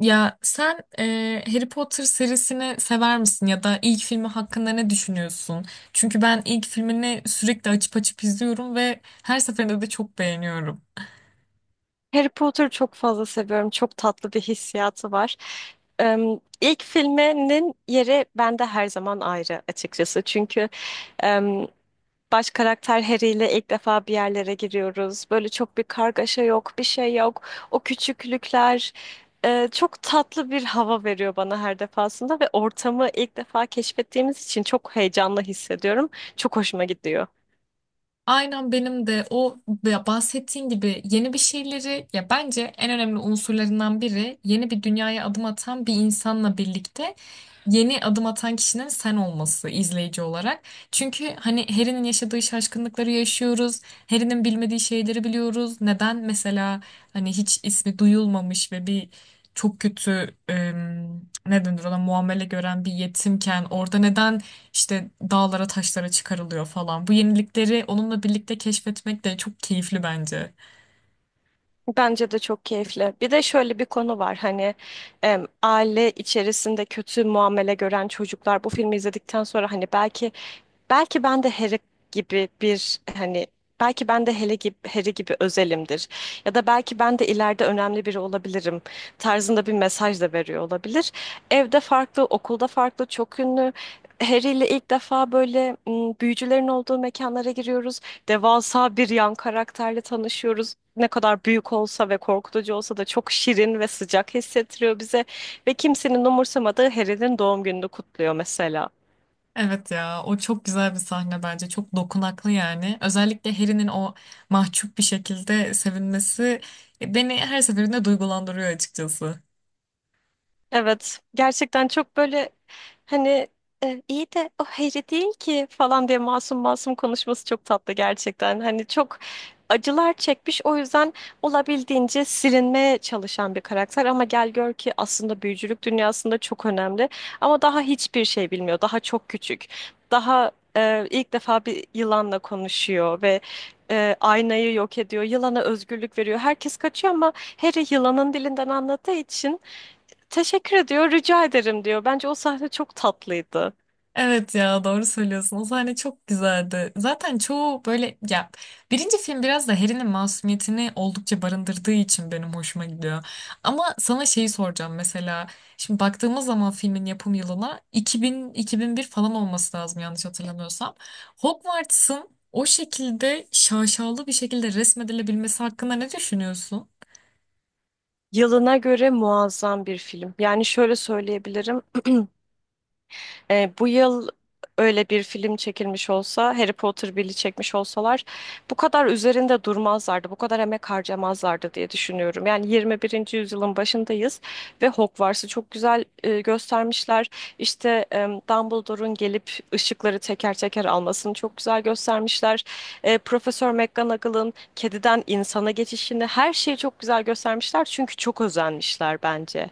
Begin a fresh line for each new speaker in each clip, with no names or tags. Ya sen Harry Potter serisini sever misin ya da ilk filmi hakkında ne düşünüyorsun? Çünkü ben ilk filmini sürekli açıp açıp izliyorum ve her seferinde de çok beğeniyorum.
Harry Potter'ı çok fazla seviyorum. Çok tatlı bir hissiyatı var. İlk filminin yeri bende her zaman ayrı açıkçası. Çünkü baş karakter Harry ile ilk defa bir yerlere giriyoruz. Böyle çok bir kargaşa yok, bir şey yok. O küçüklükler çok tatlı bir hava veriyor bana her defasında ve ortamı ilk defa keşfettiğimiz için çok heyecanlı hissediyorum. Çok hoşuma gidiyor.
Aynen benim de o, ya bahsettiğin gibi yeni bir şeyleri, ya bence en önemli unsurlarından biri yeni bir dünyaya adım atan bir insanla birlikte yeni adım atan kişinin sen olması, izleyici olarak. Çünkü hani Harry'nin yaşadığı şaşkınlıkları yaşıyoruz. Harry'nin bilmediği şeyleri biliyoruz. Neden mesela hani hiç ismi duyulmamış ve bir çok kötü, ne denir, ona muamele gören bir yetimken orada neden işte dağlara taşlara çıkarılıyor falan. Bu yenilikleri onunla birlikte keşfetmek de çok keyifli bence.
Bence de çok keyifli. Bir de şöyle bir konu var hani aile içerisinde kötü muamele gören çocuklar bu filmi izledikten sonra hani belki Belki ben de Harry gibi bir hani belki ben de Harry gibi, Harry gibi özelimdir. Ya da belki ben de ileride önemli biri olabilirim tarzında bir mesaj da veriyor olabilir. Evde farklı, okulda farklı, çok ünlü. Harry ile ilk defa böyle büyücülerin olduğu mekanlara giriyoruz. Devasa bir yan karakterle tanışıyoruz. Ne kadar büyük olsa ve korkutucu olsa da çok şirin ve sıcak hissettiriyor bize. Ve kimsenin umursamadığı Harry'nin doğum gününü kutluyor mesela.
Evet ya, o çok güzel bir sahne bence. Çok dokunaklı yani. Özellikle Harry'nin o mahcup bir şekilde sevinmesi beni her seferinde duygulandırıyor açıkçası.
Evet, gerçekten çok böyle hani iyi de o Harry değil ki falan diye masum masum konuşması çok tatlı gerçekten. Hani çok acılar çekmiş, o yüzden olabildiğince silinmeye çalışan bir karakter, ama gel gör ki aslında büyücülük dünyasında çok önemli ama daha hiçbir şey bilmiyor. Daha çok küçük. Daha ilk defa bir yılanla konuşuyor ve aynayı yok ediyor. Yılana özgürlük veriyor. Herkes kaçıyor ama Harry yılanın dilinden anladığı için teşekkür ediyor, rica ederim diyor. Bence o sahne çok tatlıydı.
Evet ya, doğru söylüyorsun. O sahne çok güzeldi. Zaten çoğu böyle ya, birinci film biraz da Harry'nin masumiyetini oldukça barındırdığı için benim hoşuma gidiyor. Ama sana şeyi soracağım mesela. Şimdi baktığımız zaman filmin yapım yılına 2000-2001 falan olması lazım, yanlış hatırlamıyorsam. Hogwarts'ın o şekilde şaşalı bir şekilde resmedilebilmesi hakkında ne düşünüyorsun?
Yılına göre muazzam bir film. Yani şöyle söyleyebilirim. Bu yıl öyle bir film çekilmiş olsa, Harry Potter biri çekmiş olsalar bu kadar üzerinde durmazlardı, bu kadar emek harcamazlardı diye düşünüyorum. Yani 21. yüzyılın başındayız ve Hogwarts'ı çok güzel göstermişler. İşte Dumbledore'un gelip ışıkları teker teker almasını çok güzel göstermişler. Profesör McGonagall'ın kediden insana geçişini, her şeyi çok güzel göstermişler çünkü çok özenmişler bence.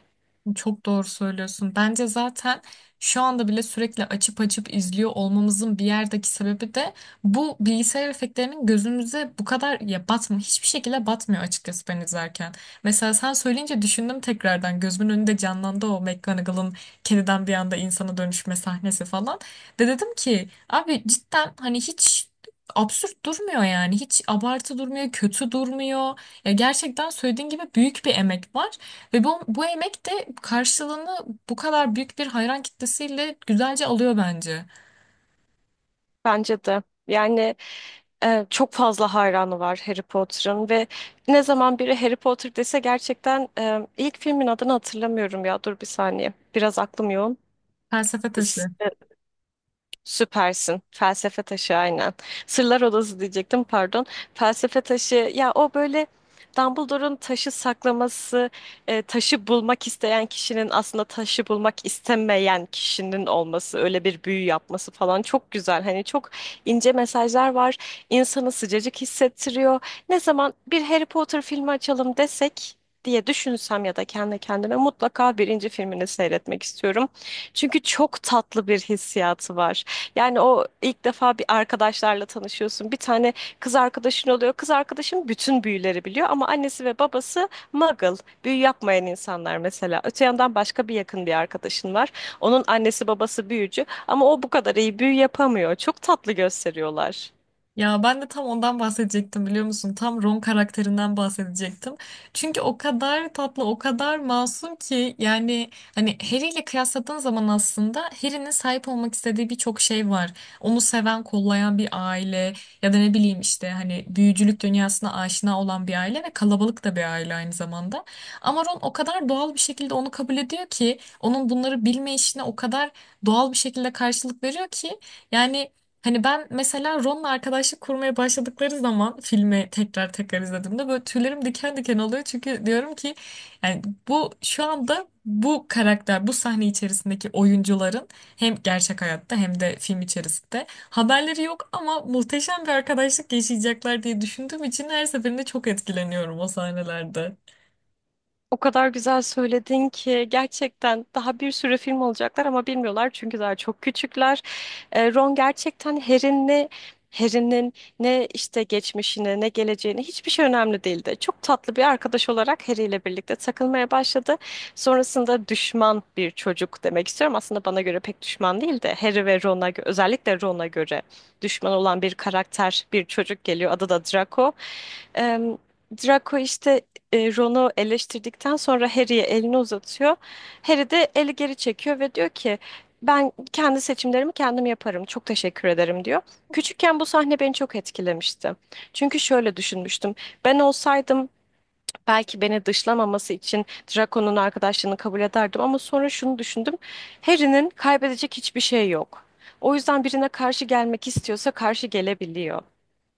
Çok doğru söylüyorsun. Bence zaten şu anda bile sürekli açıp açıp izliyor olmamızın bir yerdeki sebebi de bu bilgisayar efektlerinin gözümüze bu kadar ya batmıyor. Hiçbir şekilde batmıyor açıkçası, ben izlerken. Mesela sen söyleyince düşündüm tekrardan. Gözümün önünde canlandı o McGonagall'ın kediden bir anda insana dönüşme sahnesi falan. Ve dedim ki, abi cidden hani hiç absürt durmuyor yani. Hiç abartı durmuyor, kötü durmuyor. Ya gerçekten söylediğin gibi büyük bir emek var. Ve bu emek de karşılığını bu kadar büyük bir hayran kitlesiyle güzelce alıyor bence.
Bence de. Yani çok fazla hayranı var Harry Potter'ın ve ne zaman biri Harry Potter dese gerçekten ilk filmin adını hatırlamıyorum ya. Dur bir saniye. Biraz aklım yoğun.
Felsefe taşı.
Süpersin. Felsefe Taşı aynen. Sırlar Odası diyecektim, pardon. Felsefe Taşı ya, o böyle Dumbledore'un taşı saklaması, taşı bulmak isteyen kişinin aslında taşı bulmak istemeyen kişinin olması, öyle bir büyü yapması falan çok güzel. Hani çok ince mesajlar var. İnsanı sıcacık hissettiriyor. Ne zaman bir Harry Potter filmi açalım desek diye düşünsem ya da kendi kendime mutlaka birinci filmini seyretmek istiyorum. Çünkü çok tatlı bir hissiyatı var. Yani o ilk defa bir arkadaşlarla tanışıyorsun. Bir tane kız arkadaşın oluyor. Kız arkadaşın bütün büyüleri biliyor ama annesi ve babası muggle, büyü yapmayan insanlar mesela. Öte yandan başka bir yakın bir arkadaşın var. Onun annesi babası büyücü ama o bu kadar iyi büyü yapamıyor. Çok tatlı gösteriyorlar.
Ya ben de tam ondan bahsedecektim, biliyor musun? Tam Ron karakterinden bahsedecektim. Çünkü o kadar tatlı, o kadar masum ki, yani hani Harry ile kıyasladığın zaman aslında Harry'nin sahip olmak istediği birçok şey var. Onu seven, kollayan bir aile, ya da ne bileyim işte hani büyücülük dünyasına aşina olan bir aile, ve kalabalık da bir aile aynı zamanda. Ama Ron o kadar doğal bir şekilde onu kabul ediyor ki, onun bunları bilme işine o kadar doğal bir şekilde karşılık veriyor ki, yani hani ben mesela Ron'la arkadaşlık kurmaya başladıkları zaman, filmi tekrar tekrar izlediğimde, böyle tüylerim diken diken oluyor. Çünkü diyorum ki, yani bu şu anda bu karakter, bu sahne içerisindeki oyuncuların hem gerçek hayatta hem de film içerisinde haberleri yok ama muhteşem bir arkadaşlık yaşayacaklar diye düşündüğüm için her seferinde çok etkileniyorum o sahnelerde.
O kadar güzel söyledin ki gerçekten daha bir sürü film olacaklar ama bilmiyorlar çünkü daha çok küçükler. Ron gerçekten Harry'nin ne işte geçmişine ne geleceğine, hiçbir şey önemli değildi. Çok tatlı bir arkadaş olarak Harry ile birlikte takılmaya başladı. Sonrasında düşman bir çocuk demek istiyorum. Aslında bana göre pek düşman değil de Harry ve Ron'a gö- özellikle Ron'a göre düşman olan bir karakter, bir çocuk geliyor. Adı da Draco. Em, Draco işte Ron'u eleştirdikten sonra Harry'ye elini uzatıyor. Harry de eli geri çekiyor ve diyor ki ben kendi seçimlerimi kendim yaparım. Çok teşekkür ederim diyor. Küçükken bu sahne beni çok etkilemişti. Çünkü şöyle düşünmüştüm. Ben olsaydım belki beni dışlamaması için Draco'nun arkadaşlığını kabul ederdim ama sonra şunu düşündüm. Harry'nin kaybedecek hiçbir şey yok. O yüzden birine karşı gelmek istiyorsa karşı gelebiliyor.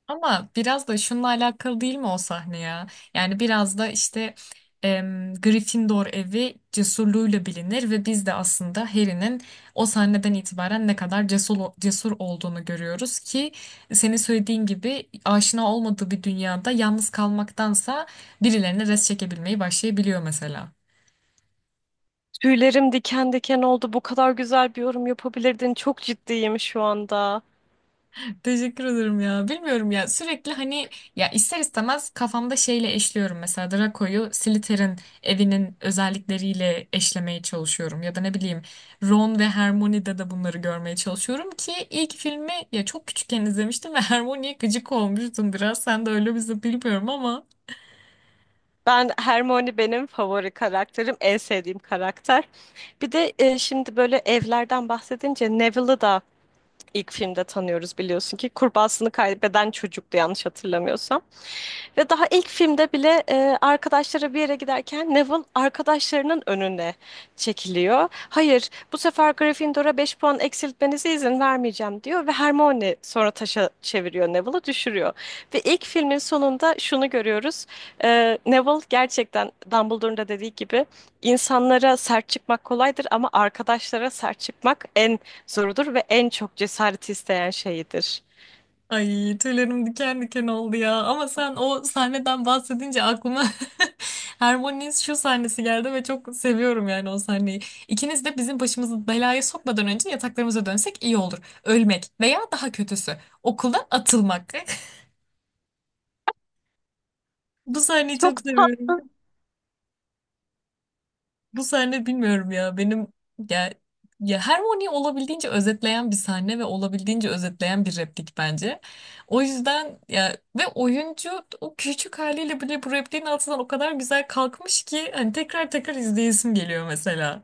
Ama biraz da şununla alakalı değil mi o sahne ya? Yani biraz da işte, Gryffindor evi cesurluğuyla bilinir ve biz de aslında Harry'nin o sahneden itibaren ne kadar cesur olduğunu görüyoruz ki, senin söylediğin gibi aşina olmadığı bir dünyada yalnız kalmaktansa birilerine res çekebilmeyi başlayabiliyor mesela.
Tüylerim diken diken oldu. Bu kadar güzel bir yorum yapabilirdin. Çok ciddiyim şu anda.
Teşekkür ederim ya. Bilmiyorum ya, sürekli hani, ya ister istemez kafamda şeyle eşliyorum, mesela Draco'yu Slytherin evinin özellikleriyle eşlemeye çalışıyorum, ya da ne bileyim Ron ve Hermione'de de bunları görmeye çalışıyorum ki, ilk filmi ya çok küçükken izlemiştim ve Hermione'ye gıcık olmuştum biraz, sen de öyle bizi bilmiyorum ama.
Ben Hermione, benim favori karakterim, en sevdiğim karakter. Bir de şimdi böyle evlerden bahsedince Neville'ı da ilk filmde tanıyoruz, biliyorsun ki kurbağasını kaybeden çocuktu yanlış hatırlamıyorsam. Ve daha ilk filmde bile arkadaşları bir yere giderken Neville arkadaşlarının önüne çekiliyor. Hayır, bu sefer Gryffindor'a 5 puan eksiltmenize izin vermeyeceğim diyor ve Hermione sonra taşa çeviriyor, Neville'ı düşürüyor. Ve ilk filmin sonunda şunu görüyoruz. Neville gerçekten Dumbledore'un da dediği gibi insanlara sert çıkmak kolaydır ama arkadaşlara sert çıkmak en zorudur ve en çok cesaret isteyen şeyidir.
Ay, tüylerim diken diken oldu ya. Ama sen o sahneden bahsedince aklıma Hermione'nin şu sahnesi geldi ve çok seviyorum yani o sahneyi. "İkiniz de bizim başımızı belaya sokmadan önce yataklarımıza dönsek iyi olur. Ölmek veya daha kötüsü okuldan atılmak." Bu sahneyi
Çok
çok seviyorum.
tatlı.
Bu sahne bilmiyorum ya benim, ya ya Hermione olabildiğince özetleyen bir sahne ve olabildiğince özetleyen bir replik bence. O yüzden ya, ve oyuncu o küçük haliyle bile bu repliğin altından o kadar güzel kalkmış ki, hani tekrar tekrar izleyesim geliyor mesela.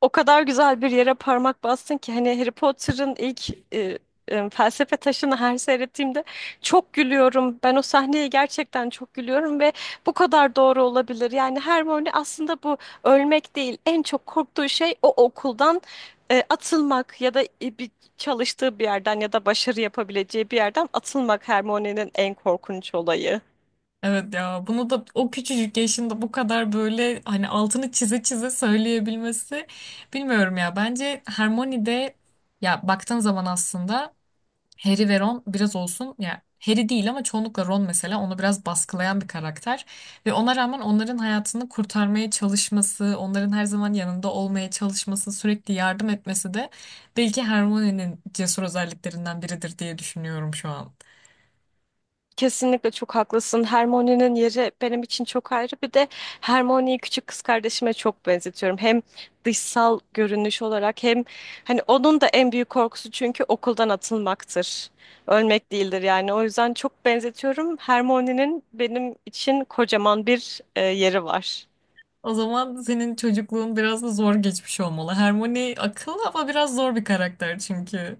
O kadar güzel bir yere parmak bastın ki hani Harry Potter'ın ilk felsefe taşını her seyrettiğimde çok gülüyorum. Ben o sahneye gerçekten çok gülüyorum ve bu kadar doğru olabilir. Yani Hermione aslında bu ölmek değil. En çok korktuğu şey o okuldan atılmak ya da bir çalıştığı bir yerden ya da başarı yapabileceği bir yerden atılmak, Hermione'nin en korkunç olayı.
Evet ya, bunu da o küçücük yaşında bu kadar böyle hani altını çize çize söyleyebilmesi bilmiyorum ya, bence Hermione de, ya baktığın zaman aslında Harry ve Ron biraz olsun, ya Harry değil ama çoğunlukla Ron mesela onu biraz baskılayan bir karakter, ve ona rağmen onların hayatını kurtarmaya çalışması, onların her zaman yanında olmaya çalışması, sürekli yardım etmesi de belki Hermione'nin cesur özelliklerinden biridir diye düşünüyorum şu an.
Kesinlikle çok haklısın. Hermione'nin yeri benim için çok ayrı. Bir de Hermione'yi küçük kız kardeşime çok benzetiyorum. Hem dışsal görünüş olarak hem hani onun da en büyük korkusu çünkü okuldan atılmaktır. Ölmek değildir yani. O yüzden çok benzetiyorum. Hermione'nin benim için kocaman bir yeri var.
O zaman senin çocukluğun biraz da zor geçmiş olmalı. Hermione akıllı ama biraz zor bir karakter çünkü.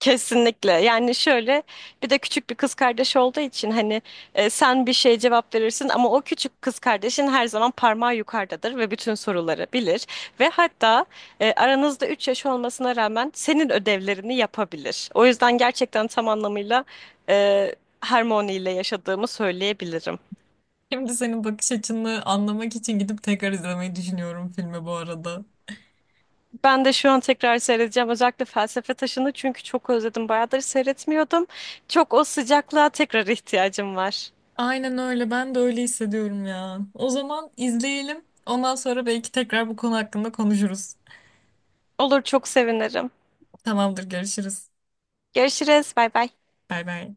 Kesinlikle. Yani şöyle, bir de küçük bir kız kardeş olduğu için hani sen bir şeye cevap verirsin ama o küçük kız kardeşin her zaman parmağı yukarıdadır ve bütün soruları bilir ve hatta aranızda 3 yaş olmasına rağmen senin ödevlerini yapabilir. O yüzden gerçekten tam anlamıyla e, Hermione ile yaşadığımı söyleyebilirim.
Şimdi senin bakış açını anlamak için gidip tekrar izlemeyi düşünüyorum filmi bu arada.
Ben de şu an tekrar seyredeceğim, özellikle Felsefe Taşı'nı, çünkü çok özledim. Bayağıdır seyretmiyordum. Çok o sıcaklığa tekrar ihtiyacım var.
Aynen öyle. Ben de öyle hissediyorum ya. O zaman izleyelim. Ondan sonra belki tekrar bu konu hakkında konuşuruz.
Olur, çok sevinirim.
Tamamdır, görüşürüz.
Görüşürüz. Bay bay.
Bay bay.